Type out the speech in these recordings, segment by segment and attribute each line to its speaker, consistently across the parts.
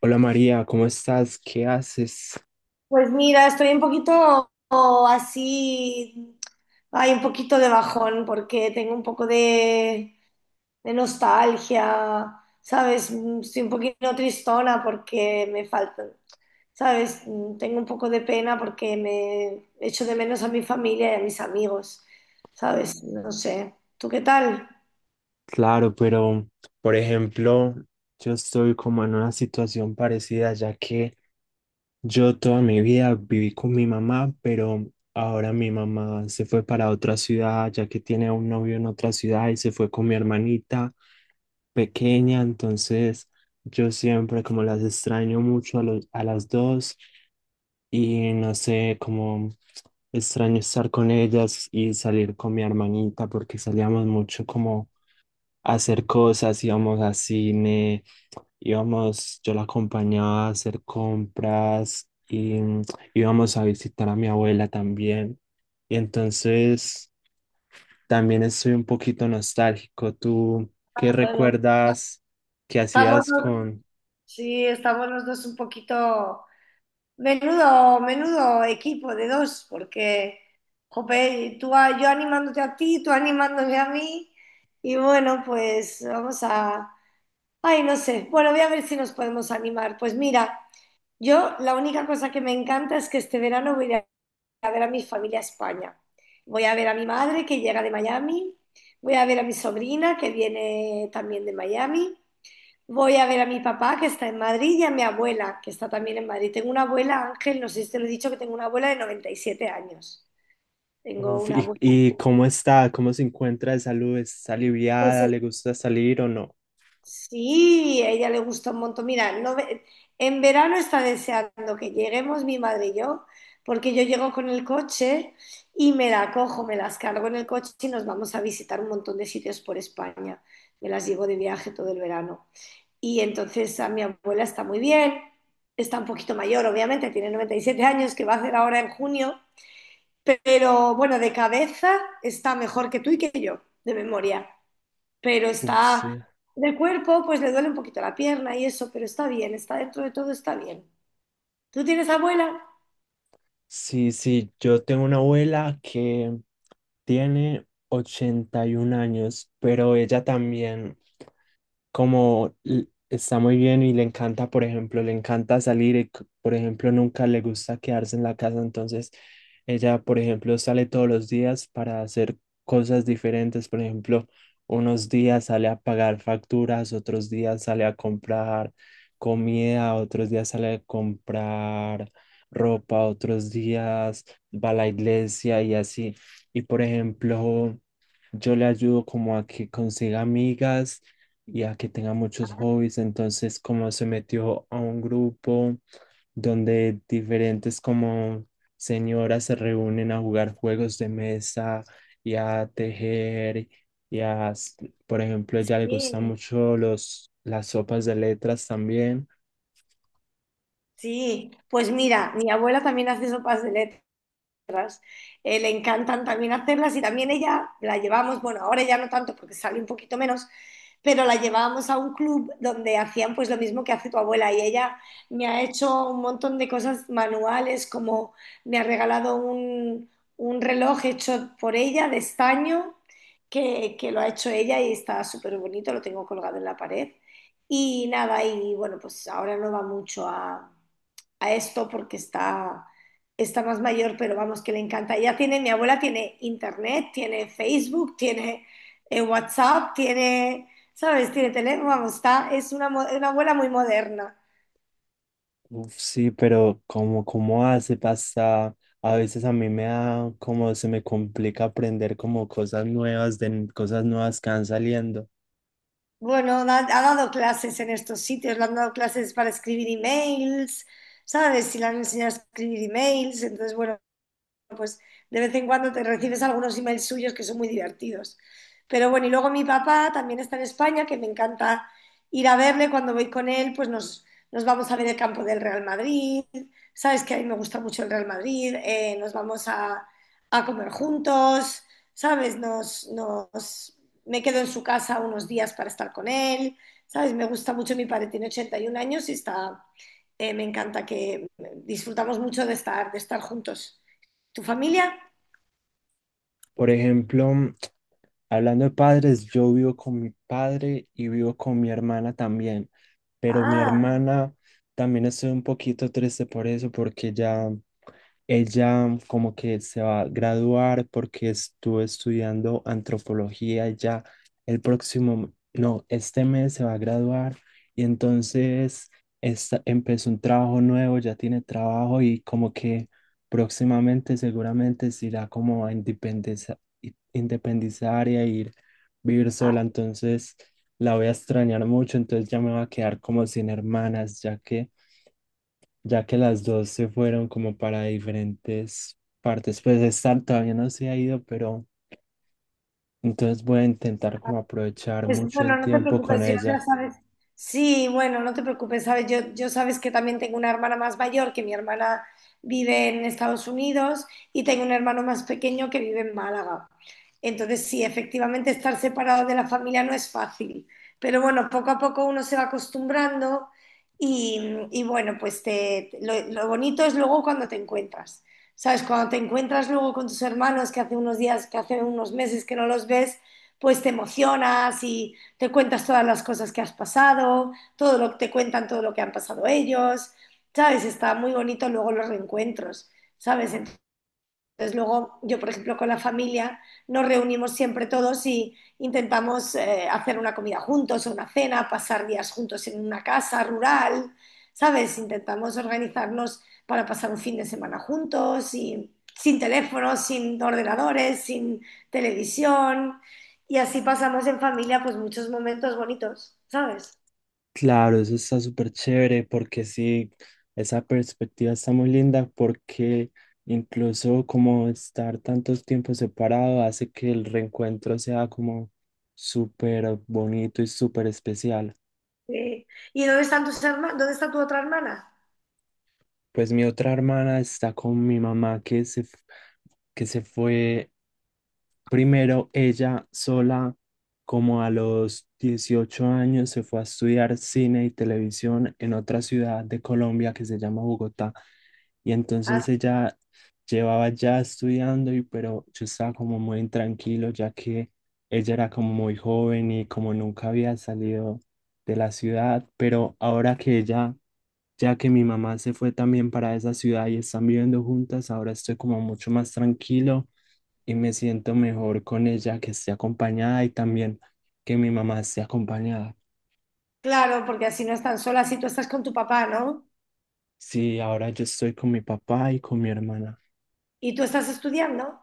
Speaker 1: Hola María, ¿cómo estás? ¿Qué haces?
Speaker 2: Pues mira, estoy un poquito así, hay un poquito de bajón porque tengo un poco de nostalgia, ¿sabes? Mm, Estoy un poquito tristona porque me faltan, ¿sabes? Mm, Tengo un poco de pena porque me echo de menos a mi familia y a mis amigos, ¿sabes? No sé. ¿Tú qué tal?
Speaker 1: Claro, pero por ejemplo, yo estoy como en una situación parecida, ya que yo toda mi vida viví con mi mamá, pero ahora mi mamá se fue para otra ciudad, ya que tiene un novio en otra ciudad y se fue con mi hermanita pequeña. Entonces yo siempre como las extraño mucho a a las dos, y no sé, como extraño estar con ellas y salir con mi hermanita porque salíamos mucho como a hacer cosas. Íbamos a cine, íbamos, yo la acompañaba a hacer compras y íbamos a visitar a mi abuela también. Y entonces también estoy un poquito nostálgico. ¿Tú qué
Speaker 2: Ah, bueno,
Speaker 1: recuerdas que
Speaker 2: estamos
Speaker 1: hacías
Speaker 2: los-
Speaker 1: con...
Speaker 2: sí, estamos los dos un poquito. Menudo equipo de dos, porque jope, yo animándote a ti, tú animándome a mí, y bueno, pues vamos a. Ay, no sé, bueno, voy a ver si nos podemos animar. Pues mira, yo la única cosa que me encanta es que este verano voy a ir a ver a mi familia a España. Voy a ver a mi madre que llega de Miami, voy a ver a mi sobrina que viene también de Miami. Voy a ver a mi papá que está en Madrid y a mi abuela que está también en Madrid. Tengo una abuela, Ángel, no sé si te lo he dicho, que tengo una abuela de 97 años. Tengo
Speaker 1: Uf,
Speaker 2: una abuela.
Speaker 1: y cómo está? ¿Cómo se encuentra de salud? ¿Está aliviada?
Speaker 2: Entonces,
Speaker 1: ¿Le gusta salir o no?
Speaker 2: sí, a ella le gusta un montón. Mira, no ve- en verano está deseando que lleguemos mi madre y yo, porque yo llego con el coche y me la cojo, me las cargo en el coche y nos vamos a visitar un montón de sitios por España. Me las llevo de viaje todo el verano. Y entonces a mi abuela está muy bien, está un poquito mayor, obviamente, tiene 97 años, que va a hacer ahora en junio, pero bueno, de cabeza está mejor que tú y que yo, de memoria, pero
Speaker 1: Uf,
Speaker 2: está
Speaker 1: sí.
Speaker 2: de cuerpo, pues le duele un poquito la pierna y eso, pero está bien, está dentro de todo, está bien. ¿Tú tienes abuela?
Speaker 1: Sí, sí, yo tengo una abuela que tiene 81 años, pero ella también como está muy bien y le encanta. Por ejemplo, le encanta salir y, por ejemplo, nunca le gusta quedarse en la casa. Entonces ella, por ejemplo, sale todos los días para hacer cosas diferentes. Por ejemplo, unos días sale a pagar facturas, otros días sale a comprar comida, otros días sale a comprar ropa, otros días va a la iglesia y así. Y por ejemplo, yo le ayudo como a que consiga amigas y a que tenga muchos hobbies. Entonces, como se metió a un grupo donde diferentes como señoras se reúnen a jugar juegos de mesa y a tejer y a, por ejemplo, ella le gustan
Speaker 2: Sí.
Speaker 1: mucho las sopas de letras también.
Speaker 2: Sí, pues mira, mi abuela también hace sopas de letras. Le encantan también hacerlas y también ella la llevamos, bueno, ahora ya no tanto porque sale un poquito menos, pero la llevábamos a un club donde hacían pues lo mismo que hace tu abuela y ella me ha hecho un montón de cosas manuales, como me ha regalado un reloj hecho por ella de estaño que lo ha hecho ella y está súper bonito, lo tengo colgado en la pared. Y nada, y bueno, pues ahora no va mucho a esto porque está más mayor, pero vamos, que le encanta. Ella tiene, mi abuela tiene internet, tiene Facebook, tiene WhatsApp, tiene, ¿sabes? Tiene teléfono, vamos, es una abuela muy moderna.
Speaker 1: Uf, sí, pero como, cómo hace pasa, a veces a mí me da como se me complica aprender como cosas nuevas de cosas nuevas que van saliendo.
Speaker 2: Bueno, ha dado clases en estos sitios, le han dado clases para escribir emails, ¿sabes? Y le han enseñado a escribir emails, entonces, bueno, pues de vez en cuando te recibes algunos emails suyos que son muy divertidos. Pero bueno, y luego mi papá también está en España, que me encanta ir a verle. Cuando voy con él, pues nos vamos a ver el campo del Real Madrid. Sabes que a mí me gusta mucho el Real Madrid. Nos vamos a comer juntos, ¿sabes? Me quedo en su casa unos días para estar con él. ¿Sabes? Me gusta mucho mi padre, tiene 81 años y está, me encanta que disfrutamos mucho de de estar juntos. ¿Tu familia?
Speaker 1: Por ejemplo, hablando de padres, yo vivo con mi padre y vivo con mi hermana también, pero mi
Speaker 2: Ah,
Speaker 1: hermana, también estoy un poquito triste por eso, porque ya ella como que se va a graduar porque estuvo estudiando antropología y ya el próximo, no, este mes se va a graduar. Y entonces empezó un trabajo nuevo, ya tiene trabajo y como que próximamente seguramente se irá como a independizar y a ir vivir sola. Entonces la voy a extrañar mucho. Entonces ya me va a quedar como sin hermanas, ya que las dos se fueron como para diferentes partes, pues estar todavía no se ha ido, pero entonces voy a intentar como aprovechar
Speaker 2: pues
Speaker 1: mucho
Speaker 2: bueno,
Speaker 1: el
Speaker 2: no te
Speaker 1: tiempo con
Speaker 2: preocupes, yo ya
Speaker 1: ella.
Speaker 2: sabes. Sí, bueno, no te preocupes, sabes, yo sabes que también tengo una hermana más mayor, que mi hermana vive en Estados Unidos, y tengo un hermano más pequeño que vive en Málaga. Entonces, sí, efectivamente estar separado de la familia no es fácil, pero bueno, poco a poco uno se va acostumbrando y, y bueno, lo bonito es luego cuando te encuentras. ¿Sabes? Cuando te encuentras luego con tus hermanos que hace unos días, que hace unos meses que no los ves pues te emocionas y te cuentas todas las cosas que has pasado, todo lo que te cuentan, todo lo que han pasado ellos, ¿sabes? Está muy bonito luego los reencuentros, ¿sabes? Entonces luego yo, por ejemplo, con la familia nos reunimos siempre todos y intentamos hacer una comida juntos o una cena, pasar días juntos en una casa rural, ¿sabes? Intentamos organizarnos para pasar un fin de semana juntos y sin teléfonos, sin ordenadores, sin televisión y así pasamos en familia pues muchos momentos bonitos, ¿sabes?
Speaker 1: Claro, eso está súper chévere porque sí, esa perspectiva está muy linda porque incluso como estar tantos tiempos separado hace que el reencuentro sea como súper bonito y súper especial.
Speaker 2: Sí. ¿Y dónde están tus herma- ¿Dónde está tu otra hermana?
Speaker 1: Pues mi otra hermana está con mi mamá que se, que se fue. Primero, ella sola, como a los 18 años, se fue a estudiar cine y televisión en otra ciudad de Colombia que se llama Bogotá. Y
Speaker 2: Ah,
Speaker 1: entonces ella llevaba ya estudiando, y, pero yo estaba como muy intranquilo, ya que ella era como muy joven y como nunca había salido de la ciudad. Pero ahora que ella, ya que mi mamá se fue también para esa ciudad y están viviendo juntas, ahora estoy como mucho más tranquilo y me siento mejor con ella que esté acompañada y también que mi mamá esté acompañada.
Speaker 2: claro, porque así no están solas y tú estás con tu papá, ¿no?
Speaker 1: Sí, ahora yo estoy con mi papá y con mi hermana.
Speaker 2: ¿Y tú estás estudiando?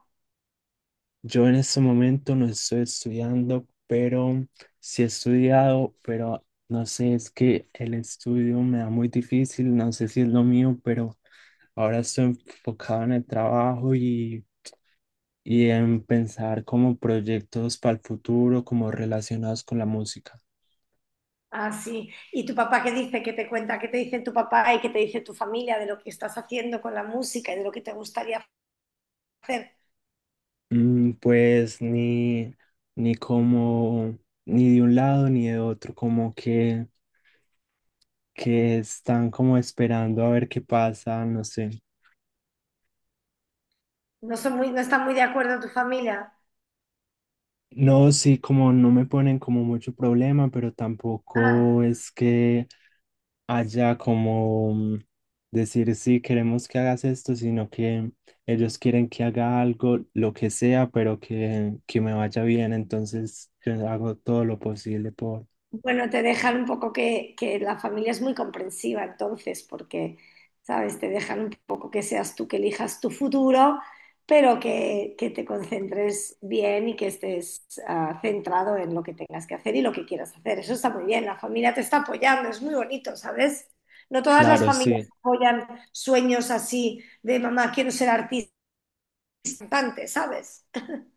Speaker 1: Yo en este momento no estoy estudiando, pero sí he estudiado, pero no sé, es que el estudio me da muy difícil, no sé si es lo mío, pero ahora estoy enfocado en el trabajo y en pensar como proyectos para el futuro, como relacionados con la música.
Speaker 2: Ah, sí. ¿Y tu papá qué dice? ¿Qué te cuenta? ¿Qué te dice tu papá y qué te dice tu familia de lo que estás haciendo con la música y de lo que te gustaría hacer?
Speaker 1: Pues ni, ni como, ni de un lado ni de otro, como que están como esperando a ver qué pasa, no sé.
Speaker 2: No están muy de acuerdo tu familia?
Speaker 1: No, sí, como no me ponen como mucho problema, pero
Speaker 2: Ah,
Speaker 1: tampoco es que haya como decir sí, queremos que hagas esto, sino que ellos quieren que haga algo, lo que sea, pero que me vaya bien, entonces yo hago todo lo posible por...
Speaker 2: bueno, te dejan un poco que la familia es muy comprensiva entonces, porque, ¿sabes? Te dejan un poco que seas tú que elijas tu futuro, pero que te concentres bien y que estés ah, centrado en lo que tengas que hacer y lo que quieras hacer. Eso está muy bien, la familia te está apoyando, es muy bonito, ¿sabes? No todas las
Speaker 1: Claro,
Speaker 2: familias
Speaker 1: sí.
Speaker 2: apoyan sueños así de mamá, quiero ser artista, cantante", ¿sabes?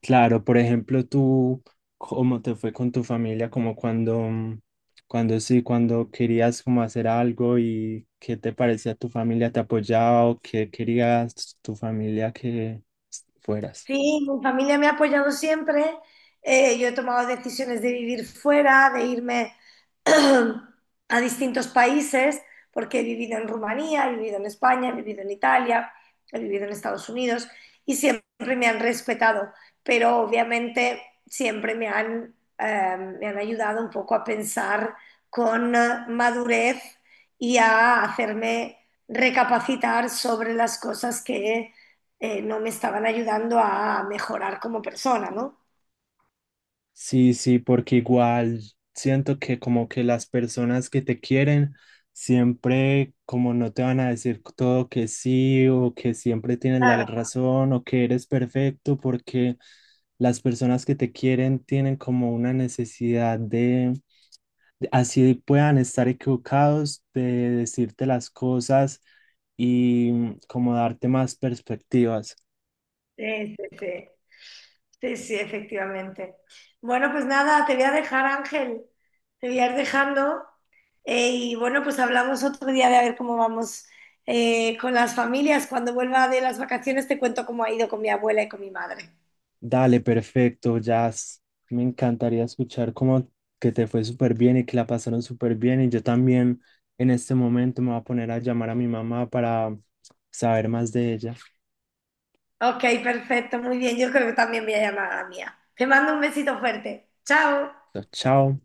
Speaker 1: Claro, por ejemplo, tú, ¿cómo te fue con tu familia? Como cuando, cuando sí, cuando querías como hacer algo y qué te parecía tu familia, te apoyaba o qué querías tu familia que fueras.
Speaker 2: Sí, mi familia me ha apoyado siempre. Yo he tomado decisiones de vivir fuera, de irme a distintos países, porque he vivido en Rumanía, he vivido en España, he vivido en Italia, he vivido en Estados Unidos y siempre me han respetado, pero obviamente siempre me han ayudado un poco a pensar con madurez y a hacerme recapacitar sobre las cosas que no me estaban ayudando a mejorar como persona, ¿no?
Speaker 1: Sí, sí, porque igual siento que como que las personas que te quieren siempre como no te van a decir todo que sí o que siempre tienes la
Speaker 2: Claro.
Speaker 1: razón o que eres perfecto porque las personas que te quieren tienen como una necesidad de, así puedan estar equivocados, de decirte las cosas y como darte más perspectivas.
Speaker 2: Sí, sí, sí, sí, efectivamente. Bueno, pues nada, te voy a dejar, Ángel, te voy a ir dejando. Y bueno, pues hablamos otro día de a ver cómo vamos con las familias. Cuando vuelva de las vacaciones te cuento cómo ha ido con mi abuela y con mi madre.
Speaker 1: Dale, perfecto, Jazz. Me encantaría escuchar cómo que te fue súper bien y que la pasaron súper bien. Y yo también en este momento me voy a poner a llamar a mi mamá para saber más de ella.
Speaker 2: Ok, perfecto, muy bien. Yo creo que también voy a llamar a la mía. Te mando un besito fuerte. Chao.
Speaker 1: Chao.